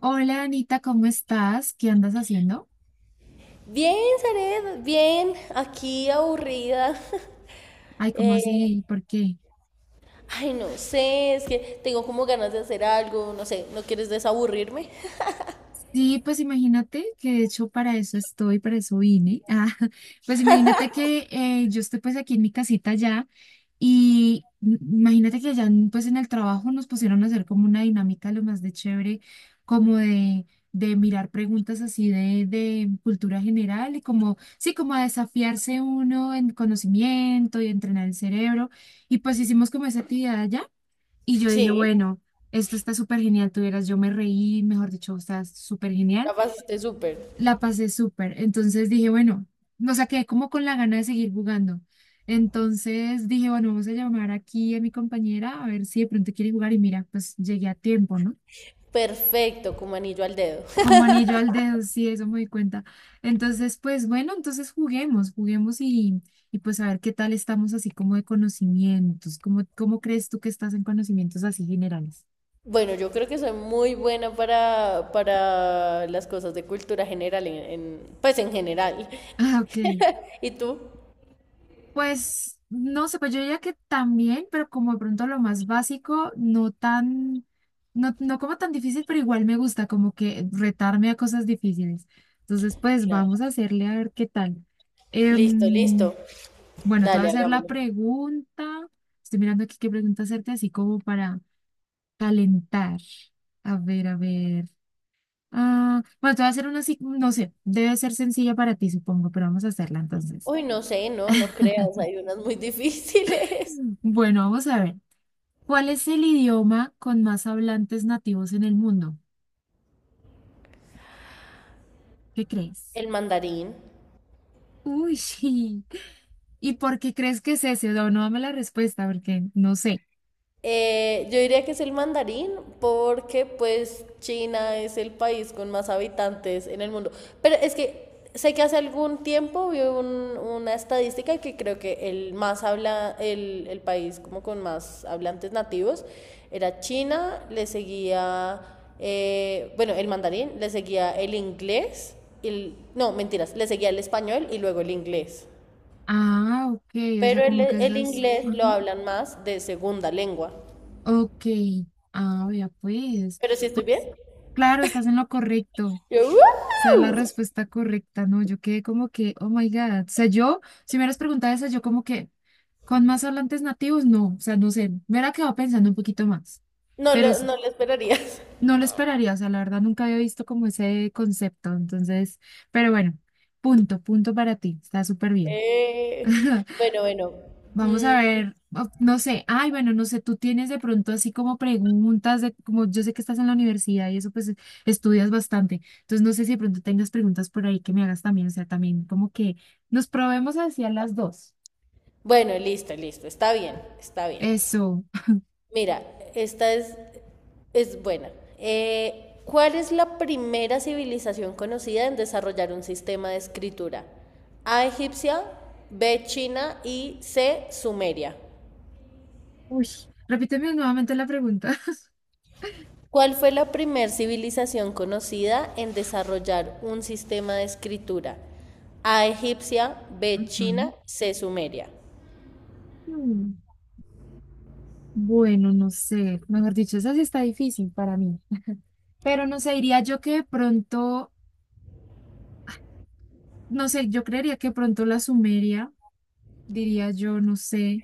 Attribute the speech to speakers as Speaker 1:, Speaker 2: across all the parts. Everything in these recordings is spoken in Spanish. Speaker 1: Hola Anita, ¿cómo estás? ¿Qué andas haciendo?
Speaker 2: Bien, Zaret, bien, aquí aburrida.
Speaker 1: Ay, ¿cómo
Speaker 2: Eh,
Speaker 1: así? ¿Por qué?
Speaker 2: Ay, no sé, es que tengo como ganas de hacer algo, no sé, ¿no quieres desaburrirme?
Speaker 1: Sí, pues imagínate que de hecho para eso estoy, para eso vine. Ah, pues imagínate que yo estoy pues aquí en mi casita ya y imagínate que allá pues en el trabajo nos pusieron a hacer como una dinámica lo más de chévere, como de mirar preguntas así de cultura general y como, sí, como a desafiarse uno en conocimiento y entrenar el cerebro. Y pues hicimos como esa actividad allá. Y yo dije,
Speaker 2: Sí,
Speaker 1: bueno, esto está súper genial, tuvieras, yo me reí, mejor dicho, está súper genial.
Speaker 2: ya pasaste súper.
Speaker 1: La pasé súper. Entonces dije, bueno, no sea, quedé como con la gana de seguir jugando. Entonces dije, bueno, vamos a llamar aquí a mi compañera a ver si de pronto quiere jugar. Y mira, pues llegué a tiempo, ¿no?
Speaker 2: Perfecto, como anillo al dedo.
Speaker 1: Como anillo al dedo, sí, eso me di cuenta. Entonces, pues bueno, entonces juguemos, juguemos y pues a ver qué tal estamos así como de conocimientos. ¿Cómo crees tú que estás en conocimientos así generales?
Speaker 2: Bueno, yo creo que soy muy buena para las cosas de cultura general, pues en general.
Speaker 1: Ah, ok.
Speaker 2: ¿Y tú?
Speaker 1: Pues no sé, pues yo diría que también, pero como de pronto lo más básico, no como tan difícil, pero igual me gusta como que retarme a cosas difíciles. Entonces, pues
Speaker 2: Claro.
Speaker 1: vamos a hacerle a ver qué tal.
Speaker 2: Listo,
Speaker 1: Em,
Speaker 2: listo.
Speaker 1: bueno, te voy a
Speaker 2: Dale,
Speaker 1: hacer la
Speaker 2: hagámoslo.
Speaker 1: pregunta. Estoy mirando aquí qué pregunta hacerte, así como para calentar. A ver, a ver. Ah, bueno, te voy a hacer una así, no sé, debe ser sencilla para ti, supongo, pero vamos a hacerla entonces.
Speaker 2: Uy, no sé, no, no creas, hay unas muy difíciles.
Speaker 1: Bueno, vamos a ver. ¿Cuál es el idioma con más hablantes nativos en el mundo? ¿Qué crees?
Speaker 2: El mandarín.
Speaker 1: Uy, sí. ¿Y por qué crees que es ese? No, no dame la respuesta porque no sé.
Speaker 2: Yo diría que es el mandarín porque pues China es el país con más habitantes en el mundo. Pero es que sé que hace algún tiempo vi una estadística que creo que el país como con más hablantes nativos era China, le seguía, bueno, el mandarín, le seguía el inglés, el, no, mentiras, le seguía el español y luego el inglés.
Speaker 1: Ah, ok, o sea,
Speaker 2: Pero el,
Speaker 1: como que eso
Speaker 2: el
Speaker 1: es.
Speaker 2: inglés lo
Speaker 1: Ajá.
Speaker 2: hablan más de segunda lengua.
Speaker 1: Ok, ah, ya pues.
Speaker 2: ¿Pero si estoy bien?
Speaker 1: Pues claro, estás en lo correcto. O
Speaker 2: Yo,
Speaker 1: sea, la respuesta correcta, ¿no? Yo quedé como que, oh my God. O sea, yo, si me hubieras preguntado eso, yo como que, ¿con más hablantes nativos? No, o sea, no sé. Me hubiera quedado pensando un poquito más.
Speaker 2: no
Speaker 1: Pero
Speaker 2: lo,
Speaker 1: sí,
Speaker 2: no lo esperarías."
Speaker 1: no lo esperaría, o sea, la verdad nunca había visto como ese concepto, entonces, pero bueno, punto, punto para ti, está súper bien.
Speaker 2: Eh, bueno, bueno.
Speaker 1: Vamos
Speaker 2: Mm,
Speaker 1: a ver, no sé, ay, bueno, no sé, tú tienes de pronto así como preguntas de, como yo sé que estás en la universidad y eso pues estudias bastante, entonces no sé si de pronto tengas preguntas por ahí que me hagas también, o sea, también como que nos probemos hacia las dos.
Speaker 2: bueno, listo, listo. Está bien, está bien.
Speaker 1: Eso.
Speaker 2: Mira, esta es buena. ¿Cuál es la primera civilización conocida en desarrollar un sistema de escritura? A egipcia, B china y C sumeria.
Speaker 1: Uy, repíteme nuevamente la pregunta.
Speaker 2: ¿Cuál fue la primer civilización conocida en desarrollar un sistema de escritura? A egipcia, B china,
Speaker 1: Ujú.
Speaker 2: C sumeria.
Speaker 1: Mm. Bueno, no sé, mejor dicho, esa sí está difícil para mí, pero no sé, diría yo que de pronto, no sé, yo creería que de pronto la Sumeria, diría yo, no sé.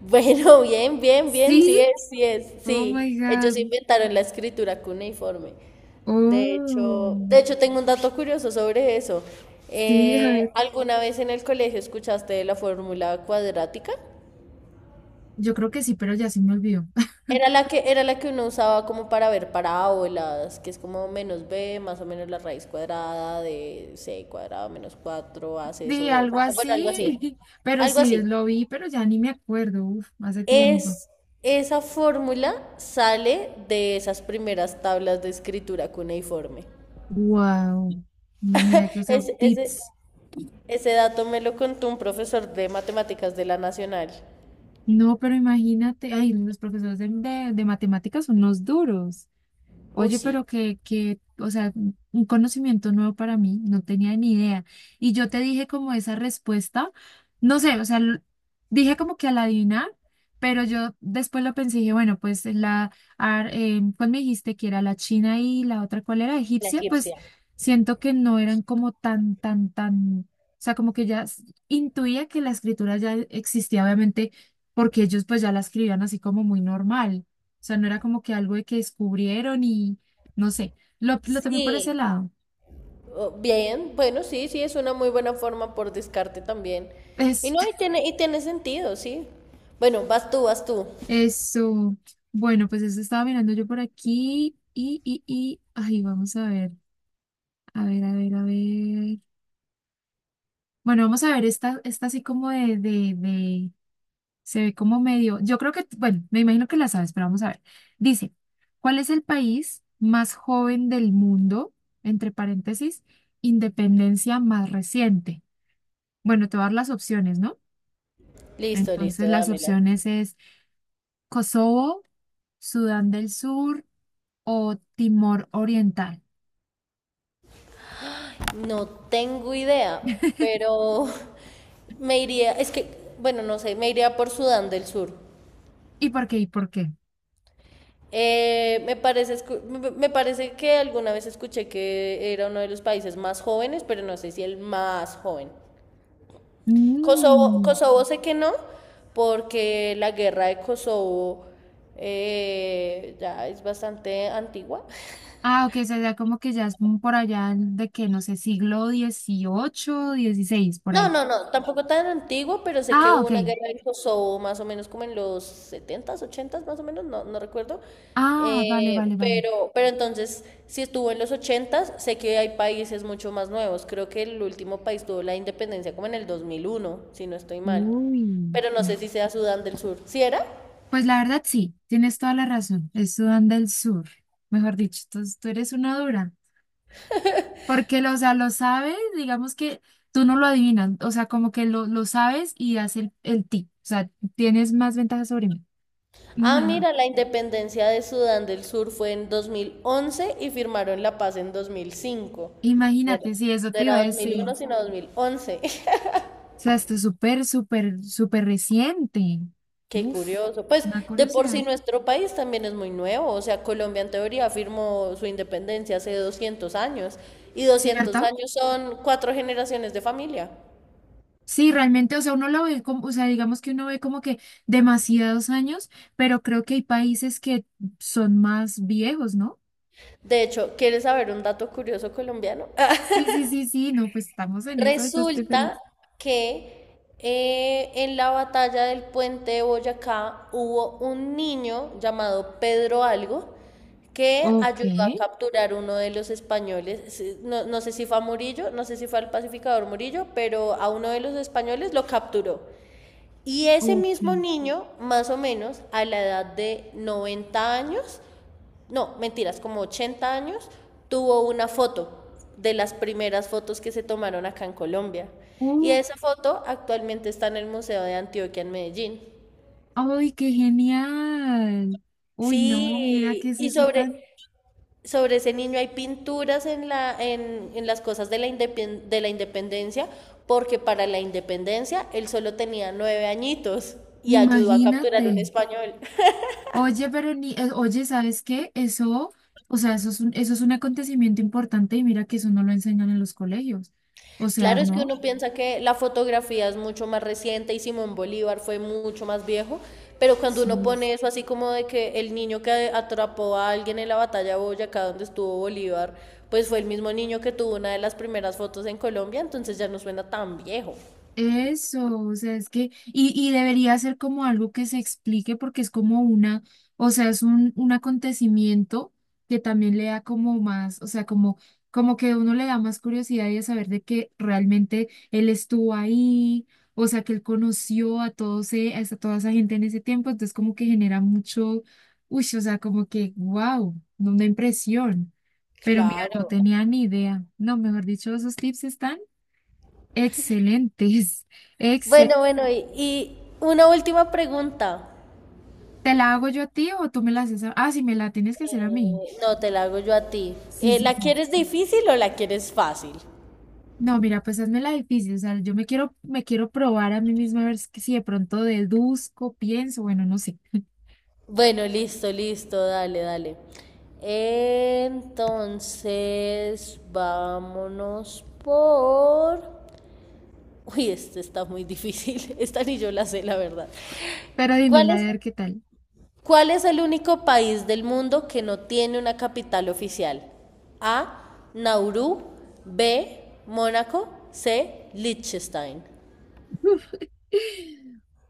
Speaker 2: Bueno, bien, bien, bien, sí
Speaker 1: Sí,
Speaker 2: es, sí es,
Speaker 1: oh
Speaker 2: sí.
Speaker 1: my
Speaker 2: Ellos
Speaker 1: God,
Speaker 2: inventaron la escritura cuneiforme. De hecho, de
Speaker 1: oh,
Speaker 2: hecho tengo un dato curioso sobre eso.
Speaker 1: sí, a ver,
Speaker 2: ¿Alguna vez en el colegio escuchaste de la fórmula cuadrática?
Speaker 1: yo creo que sí, pero ya se me olvidó.
Speaker 2: Era la que uno usaba como para ver parábolas, que es como menos b, más o menos la raíz cuadrada de c cuadrado menos 4 ac
Speaker 1: Sí,
Speaker 2: sobre 2.
Speaker 1: algo
Speaker 2: Bueno, algo
Speaker 1: así,
Speaker 2: así.
Speaker 1: pero
Speaker 2: Algo
Speaker 1: sí,
Speaker 2: así.
Speaker 1: lo vi, pero ya ni me acuerdo, uf, hace tiempo.
Speaker 2: Es, Esa fórmula sale de esas primeras tablas de escritura cuneiforme.
Speaker 1: Wow, no, mira que, o sea,
Speaker 2: Ese, ese,
Speaker 1: tips.
Speaker 2: ese dato me lo contó un profesor de matemáticas de la Nacional.
Speaker 1: No, pero imagínate, ay, los profesores de matemáticas son los duros.
Speaker 2: Uy,
Speaker 1: Oye,
Speaker 2: sí,
Speaker 1: pero que, o sea, un conocimiento nuevo para mí, no tenía ni idea. Y yo te dije como esa respuesta, no sé, o sea, dije como que al adivinar, pero yo después lo pensé y dije, bueno, pues ¿cuál me dijiste que era la China y la otra, cuál era
Speaker 2: la
Speaker 1: egipcia? Pues
Speaker 2: egipcia.
Speaker 1: siento que no eran como tan, tan, tan, o sea, como que ya intuía que la escritura ya existía, obviamente, porque ellos pues ya la escribían así como muy normal sea, no era como que algo de que descubrieron y no sé, lo tomé por ese
Speaker 2: Sí,
Speaker 1: lado.
Speaker 2: oh, bien, bueno, sí, sí, es una muy buena forma por descarte también. Y
Speaker 1: Es,
Speaker 2: no, y tiene sentido, sí. Bueno, vas tú, vas tú.
Speaker 1: Eso. Bueno, pues eso estaba mirando yo por aquí y, ay, vamos a ver, a ver, a ver, a ver. Bueno, vamos a ver esta así como de, se ve como medio, yo creo que, bueno, me imagino que la sabes, pero vamos a ver. Dice, ¿cuál es el país más joven del mundo? Entre paréntesis, independencia más reciente. Bueno, te voy a dar las opciones, ¿no?
Speaker 2: Listo, listo,
Speaker 1: Entonces las
Speaker 2: dámela.
Speaker 1: opciones es Kosovo, Sudán del Sur o Timor Oriental.
Speaker 2: No tengo idea, pero me iría, es que, bueno, no sé, me iría por Sudán del Sur.
Speaker 1: ¿Y por qué? ¿Y por qué?
Speaker 2: Me parece, me parece que alguna vez escuché que era uno de los países más jóvenes, pero no sé si el más joven. Kosovo,
Speaker 1: Mm.
Speaker 2: Kosovo sé que no, porque la guerra de Kosovo ya es bastante antigua.
Speaker 1: Ah, ok, o sea, ya como que ya es un por allá de que, no sé, siglo 18 16 por
Speaker 2: No,
Speaker 1: ahí.
Speaker 2: no, no, tampoco tan antigua, pero sé que
Speaker 1: Ah,
Speaker 2: hubo
Speaker 1: ok.
Speaker 2: una guerra de Kosovo más o menos como en los 70s, 80s más o menos, no, no recuerdo.
Speaker 1: Ah, vale, vale, vale.
Speaker 2: Pero entonces, si estuvo en los 80s, sé que hay países mucho más nuevos. Creo que el último país tuvo la independencia como en el 2001, si no estoy mal.
Speaker 1: Uy.
Speaker 2: Pero no sé si sea Sudán del Sur. ¿Sí era?
Speaker 1: Pues la verdad sí, tienes toda la razón. Es Sudán del Sur. Mejor dicho, tú eres una dura. Porque, o sea, lo sabes, digamos que tú no lo adivinas, o sea, como que lo sabes y das el tip, o sea, tienes más ventaja sobre mí.
Speaker 2: Ah, mira, la independencia de Sudán del Sur fue en 2011 y firmaron la paz en 2005. Bueno,
Speaker 1: Imagínate, si eso
Speaker 2: no
Speaker 1: te iba
Speaker 2: era
Speaker 1: a
Speaker 2: dos mil
Speaker 1: decir.
Speaker 2: uno sino 2011.
Speaker 1: O sea, esto es súper, súper, súper reciente.
Speaker 2: Qué
Speaker 1: Uf,
Speaker 2: curioso. Pues
Speaker 1: una
Speaker 2: de por sí
Speaker 1: curiosidad.
Speaker 2: nuestro país también es muy nuevo. O sea, Colombia en teoría firmó su independencia hace 200 años. Y 200
Speaker 1: ¿Cierto?
Speaker 2: años son cuatro generaciones de familia.
Speaker 1: Sí, realmente, o sea, uno lo ve como, o sea, digamos que uno ve como que demasiados años, pero creo que hay países que son más viejos, ¿no?
Speaker 2: De hecho, ¿quieres saber un dato curioso colombiano?
Speaker 1: Sí, sí, sí, sí, no, pues estamos en eso, yo estoy
Speaker 2: Resulta
Speaker 1: feliz.
Speaker 2: que en la batalla del puente de Boyacá hubo un niño llamado Pedro Algo que
Speaker 1: Ok.
Speaker 2: ayudó a capturar uno de los españoles, sí, no, no sé si fue a Murillo, no sé si fue al pacificador Murillo, pero a uno de los españoles lo capturó. Y ese
Speaker 1: Ok.
Speaker 2: mismo niño, más o menos a la edad de 90 años, no, mentiras, como 80 años, tuvo una foto de las primeras fotos que se tomaron acá en Colombia. Y
Speaker 1: Uf,
Speaker 2: esa foto actualmente está en el Museo de Antioquia en Medellín.
Speaker 1: ¡ay, qué genial! Uy,
Speaker 2: Sí,
Speaker 1: no, mira qué es
Speaker 2: y
Speaker 1: eso
Speaker 2: sobre,
Speaker 1: tan.
Speaker 2: sobre ese niño hay pinturas en las cosas de la indepen- de la independencia, porque para la independencia él solo tenía 9 añitos y ayudó a capturar
Speaker 1: Imagínate.
Speaker 2: un español.
Speaker 1: Oye, pero ni, oye, ¿sabes qué? Eso, o sea, eso es un acontecimiento importante y mira que eso no lo enseñan en los colegios. O sea,
Speaker 2: Claro, es que
Speaker 1: ¿no?
Speaker 2: uno piensa que la fotografía es mucho más reciente y Simón Bolívar fue mucho más viejo, pero cuando uno
Speaker 1: Sí.
Speaker 2: pone eso así como de que el niño que atrapó a alguien en la batalla de Boyacá donde estuvo Bolívar, pues fue el mismo niño que tuvo una de las primeras fotos en Colombia, entonces ya no suena tan viejo.
Speaker 1: Eso, o sea, es que, y debería ser como algo que se explique porque es como una, o sea, es un acontecimiento que también le da como más, o sea, como que uno le da más curiosidad y de saber de que realmente él estuvo ahí, o sea, que él conoció a todos, toda esa gente en ese tiempo, entonces como que genera mucho, uy, o sea, como que, wow, una impresión. Pero mira,
Speaker 2: Claro.
Speaker 1: no tenía ni idea. No, mejor dicho, esos tips están. Excelentes. Excel.
Speaker 2: Bueno, bueno, y una última pregunta.
Speaker 1: ¿Te la hago yo a ti o tú me la haces Ah, sí, me la tienes que hacer a mí.
Speaker 2: No, te la hago yo a ti.
Speaker 1: Sí, sí,
Speaker 2: ¿La
Speaker 1: sí.
Speaker 2: quieres difícil o la quieres fácil?
Speaker 1: No, mira, pues hazme la difícil. O sea, yo me quiero probar a mí misma a ver si de pronto deduzco, pienso, bueno, no sé.
Speaker 2: Bueno, listo, listo, dale, dale. Entonces, vámonos por... Uy, este está muy difícil. Esta ni yo la sé, la verdad.
Speaker 1: Pero
Speaker 2: ¿Cuál
Speaker 1: dímela a
Speaker 2: es,
Speaker 1: ver qué tal.
Speaker 2: ¿Cuál es el único país del mundo que no tiene una capital oficial? A. Nauru. B. Mónaco. C. Liechtenstein.
Speaker 1: Uf,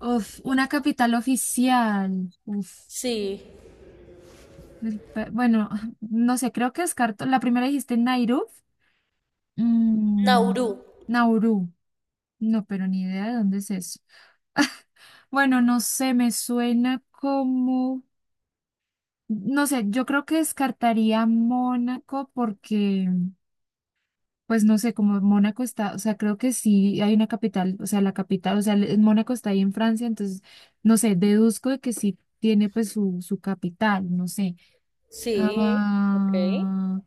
Speaker 1: Uf, una capital oficial. Uf.
Speaker 2: Sí.
Speaker 1: Bueno, no sé, creo que descarto. La primera dijiste Nairobi. Mm,
Speaker 2: Nauru.
Speaker 1: Nauru. No, pero ni idea de dónde es eso. Bueno, no sé, me suena como, no sé, yo creo que descartaría Mónaco porque, pues no sé, como Mónaco está, o sea, creo que sí hay una capital, o sea, la capital, o sea, Mónaco está ahí en Francia, entonces, no sé, deduzco de que sí tiene pues su capital, no sé.
Speaker 2: Sí. Ok.
Speaker 1: Ah,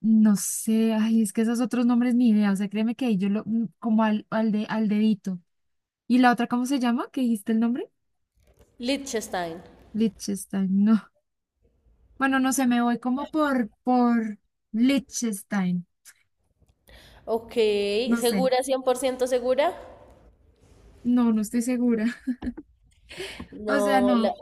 Speaker 1: no sé, ay, es que esos otros nombres ni idea, o sea, créeme que ahí yo lo, como al dedito. ¿Y la otra, cómo se llama? ¿Qué dijiste el nombre?
Speaker 2: Liechtenstein.
Speaker 1: Liechtenstein, no. Bueno, no sé, me voy como por Liechtenstein.
Speaker 2: Ok,
Speaker 1: No sé.
Speaker 2: ¿segura, 100% segura?
Speaker 1: No, no estoy segura. O sea,
Speaker 2: No,
Speaker 1: no.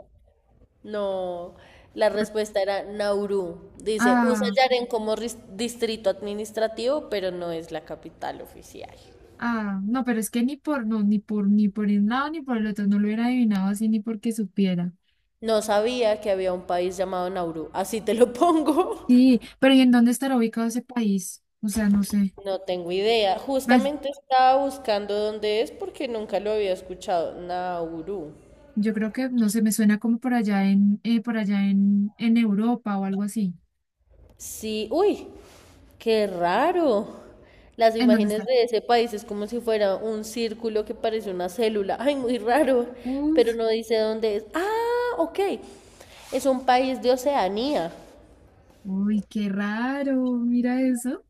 Speaker 2: no, la respuesta era Nauru. Dice, usa
Speaker 1: Ah,
Speaker 2: Yaren como distrito administrativo, pero no es la capital oficial.
Speaker 1: ah, no, pero es que ni por, no, ni por, ni por un lado ni por el otro. No lo hubiera adivinado así ni porque supiera.
Speaker 2: No sabía que había un país llamado Nauru, así te lo pongo.
Speaker 1: Sí, pero ¿y en dónde estará ubicado ese país? O sea, no sé.
Speaker 2: No tengo idea.
Speaker 1: Bueno,
Speaker 2: Justamente estaba buscando dónde es porque nunca lo había escuchado. Nauru.
Speaker 1: yo creo que, no sé, me suena como por allá en, por allá en Europa o algo así.
Speaker 2: Sí, uy, qué raro. Las
Speaker 1: ¿En dónde
Speaker 2: imágenes
Speaker 1: está?
Speaker 2: de ese país es como si fuera un círculo que parece una célula. Ay, muy raro, pero
Speaker 1: Uf,
Speaker 2: no dice dónde es. Ah, ok. Es un país de Oceanía.
Speaker 1: uy, qué raro. Mira eso.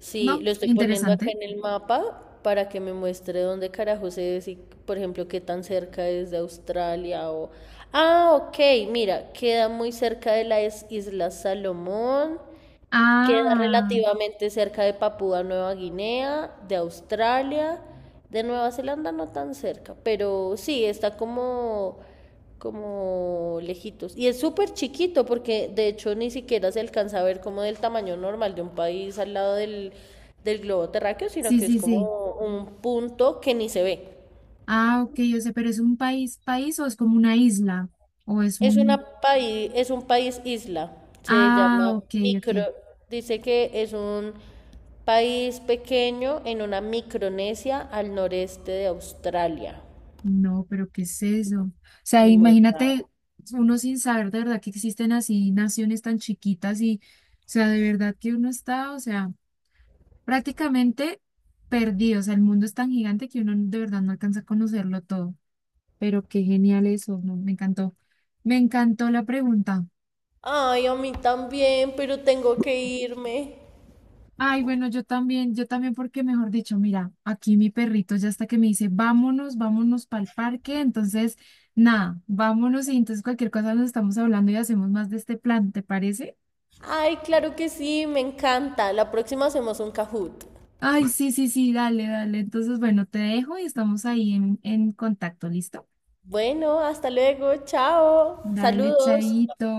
Speaker 2: Sí,
Speaker 1: No,
Speaker 2: lo estoy poniendo acá
Speaker 1: interesante.
Speaker 2: en el mapa para que me muestre dónde carajos es y, por ejemplo, qué tan cerca es de Australia o... Ah, ok, mira, queda muy cerca de las Islas Salomón, queda
Speaker 1: Ah.
Speaker 2: relativamente cerca de Papúa Nueva Guinea, de Australia, de Nueva Zelanda no tan cerca, pero sí, está como lejitos. Y es súper chiquito porque de hecho ni siquiera se alcanza a ver como del tamaño normal de un país al lado del globo terráqueo, sino
Speaker 1: Sí,
Speaker 2: que es
Speaker 1: sí, sí.
Speaker 2: como un punto que ni se ve.
Speaker 1: Ah, ok, yo sé, pero ¿es un país, país o es como una isla? ¿O es
Speaker 2: Es
Speaker 1: un...
Speaker 2: una país, es un país isla, se
Speaker 1: Ah,
Speaker 2: llama
Speaker 1: ok,
Speaker 2: micro,
Speaker 1: ok.
Speaker 2: dice que es un país pequeño en una Micronesia al noreste de Australia.
Speaker 1: No, pero ¿qué es eso? O sea,
Speaker 2: Muy
Speaker 1: imagínate
Speaker 2: raro.
Speaker 1: uno sin saber de verdad que existen así naciones tan chiquitas y, o sea, de verdad que uno está, o sea, prácticamente perdido. O sea, el mundo es tan gigante que uno de verdad no alcanza a conocerlo todo. Pero qué genial eso, ¿no? Me encantó. Me encantó la pregunta.
Speaker 2: Ay, a mí también, pero tengo que irme.
Speaker 1: Ay, bueno, yo también, porque mejor dicho, mira, aquí mi perrito ya está que me dice, vámonos, vámonos para el parque. Entonces, nada, vámonos y entonces cualquier cosa nos estamos hablando y hacemos más de este plan, ¿te parece?
Speaker 2: Ay, claro que sí, me encanta. La próxima hacemos un Kahoot.
Speaker 1: Ay, sí, sí, sí, dale, dale. Entonces, bueno, te dejo y estamos ahí en contacto, ¿listo?
Speaker 2: Bueno, hasta luego, chao.
Speaker 1: Dale,
Speaker 2: Saludos.
Speaker 1: chaito.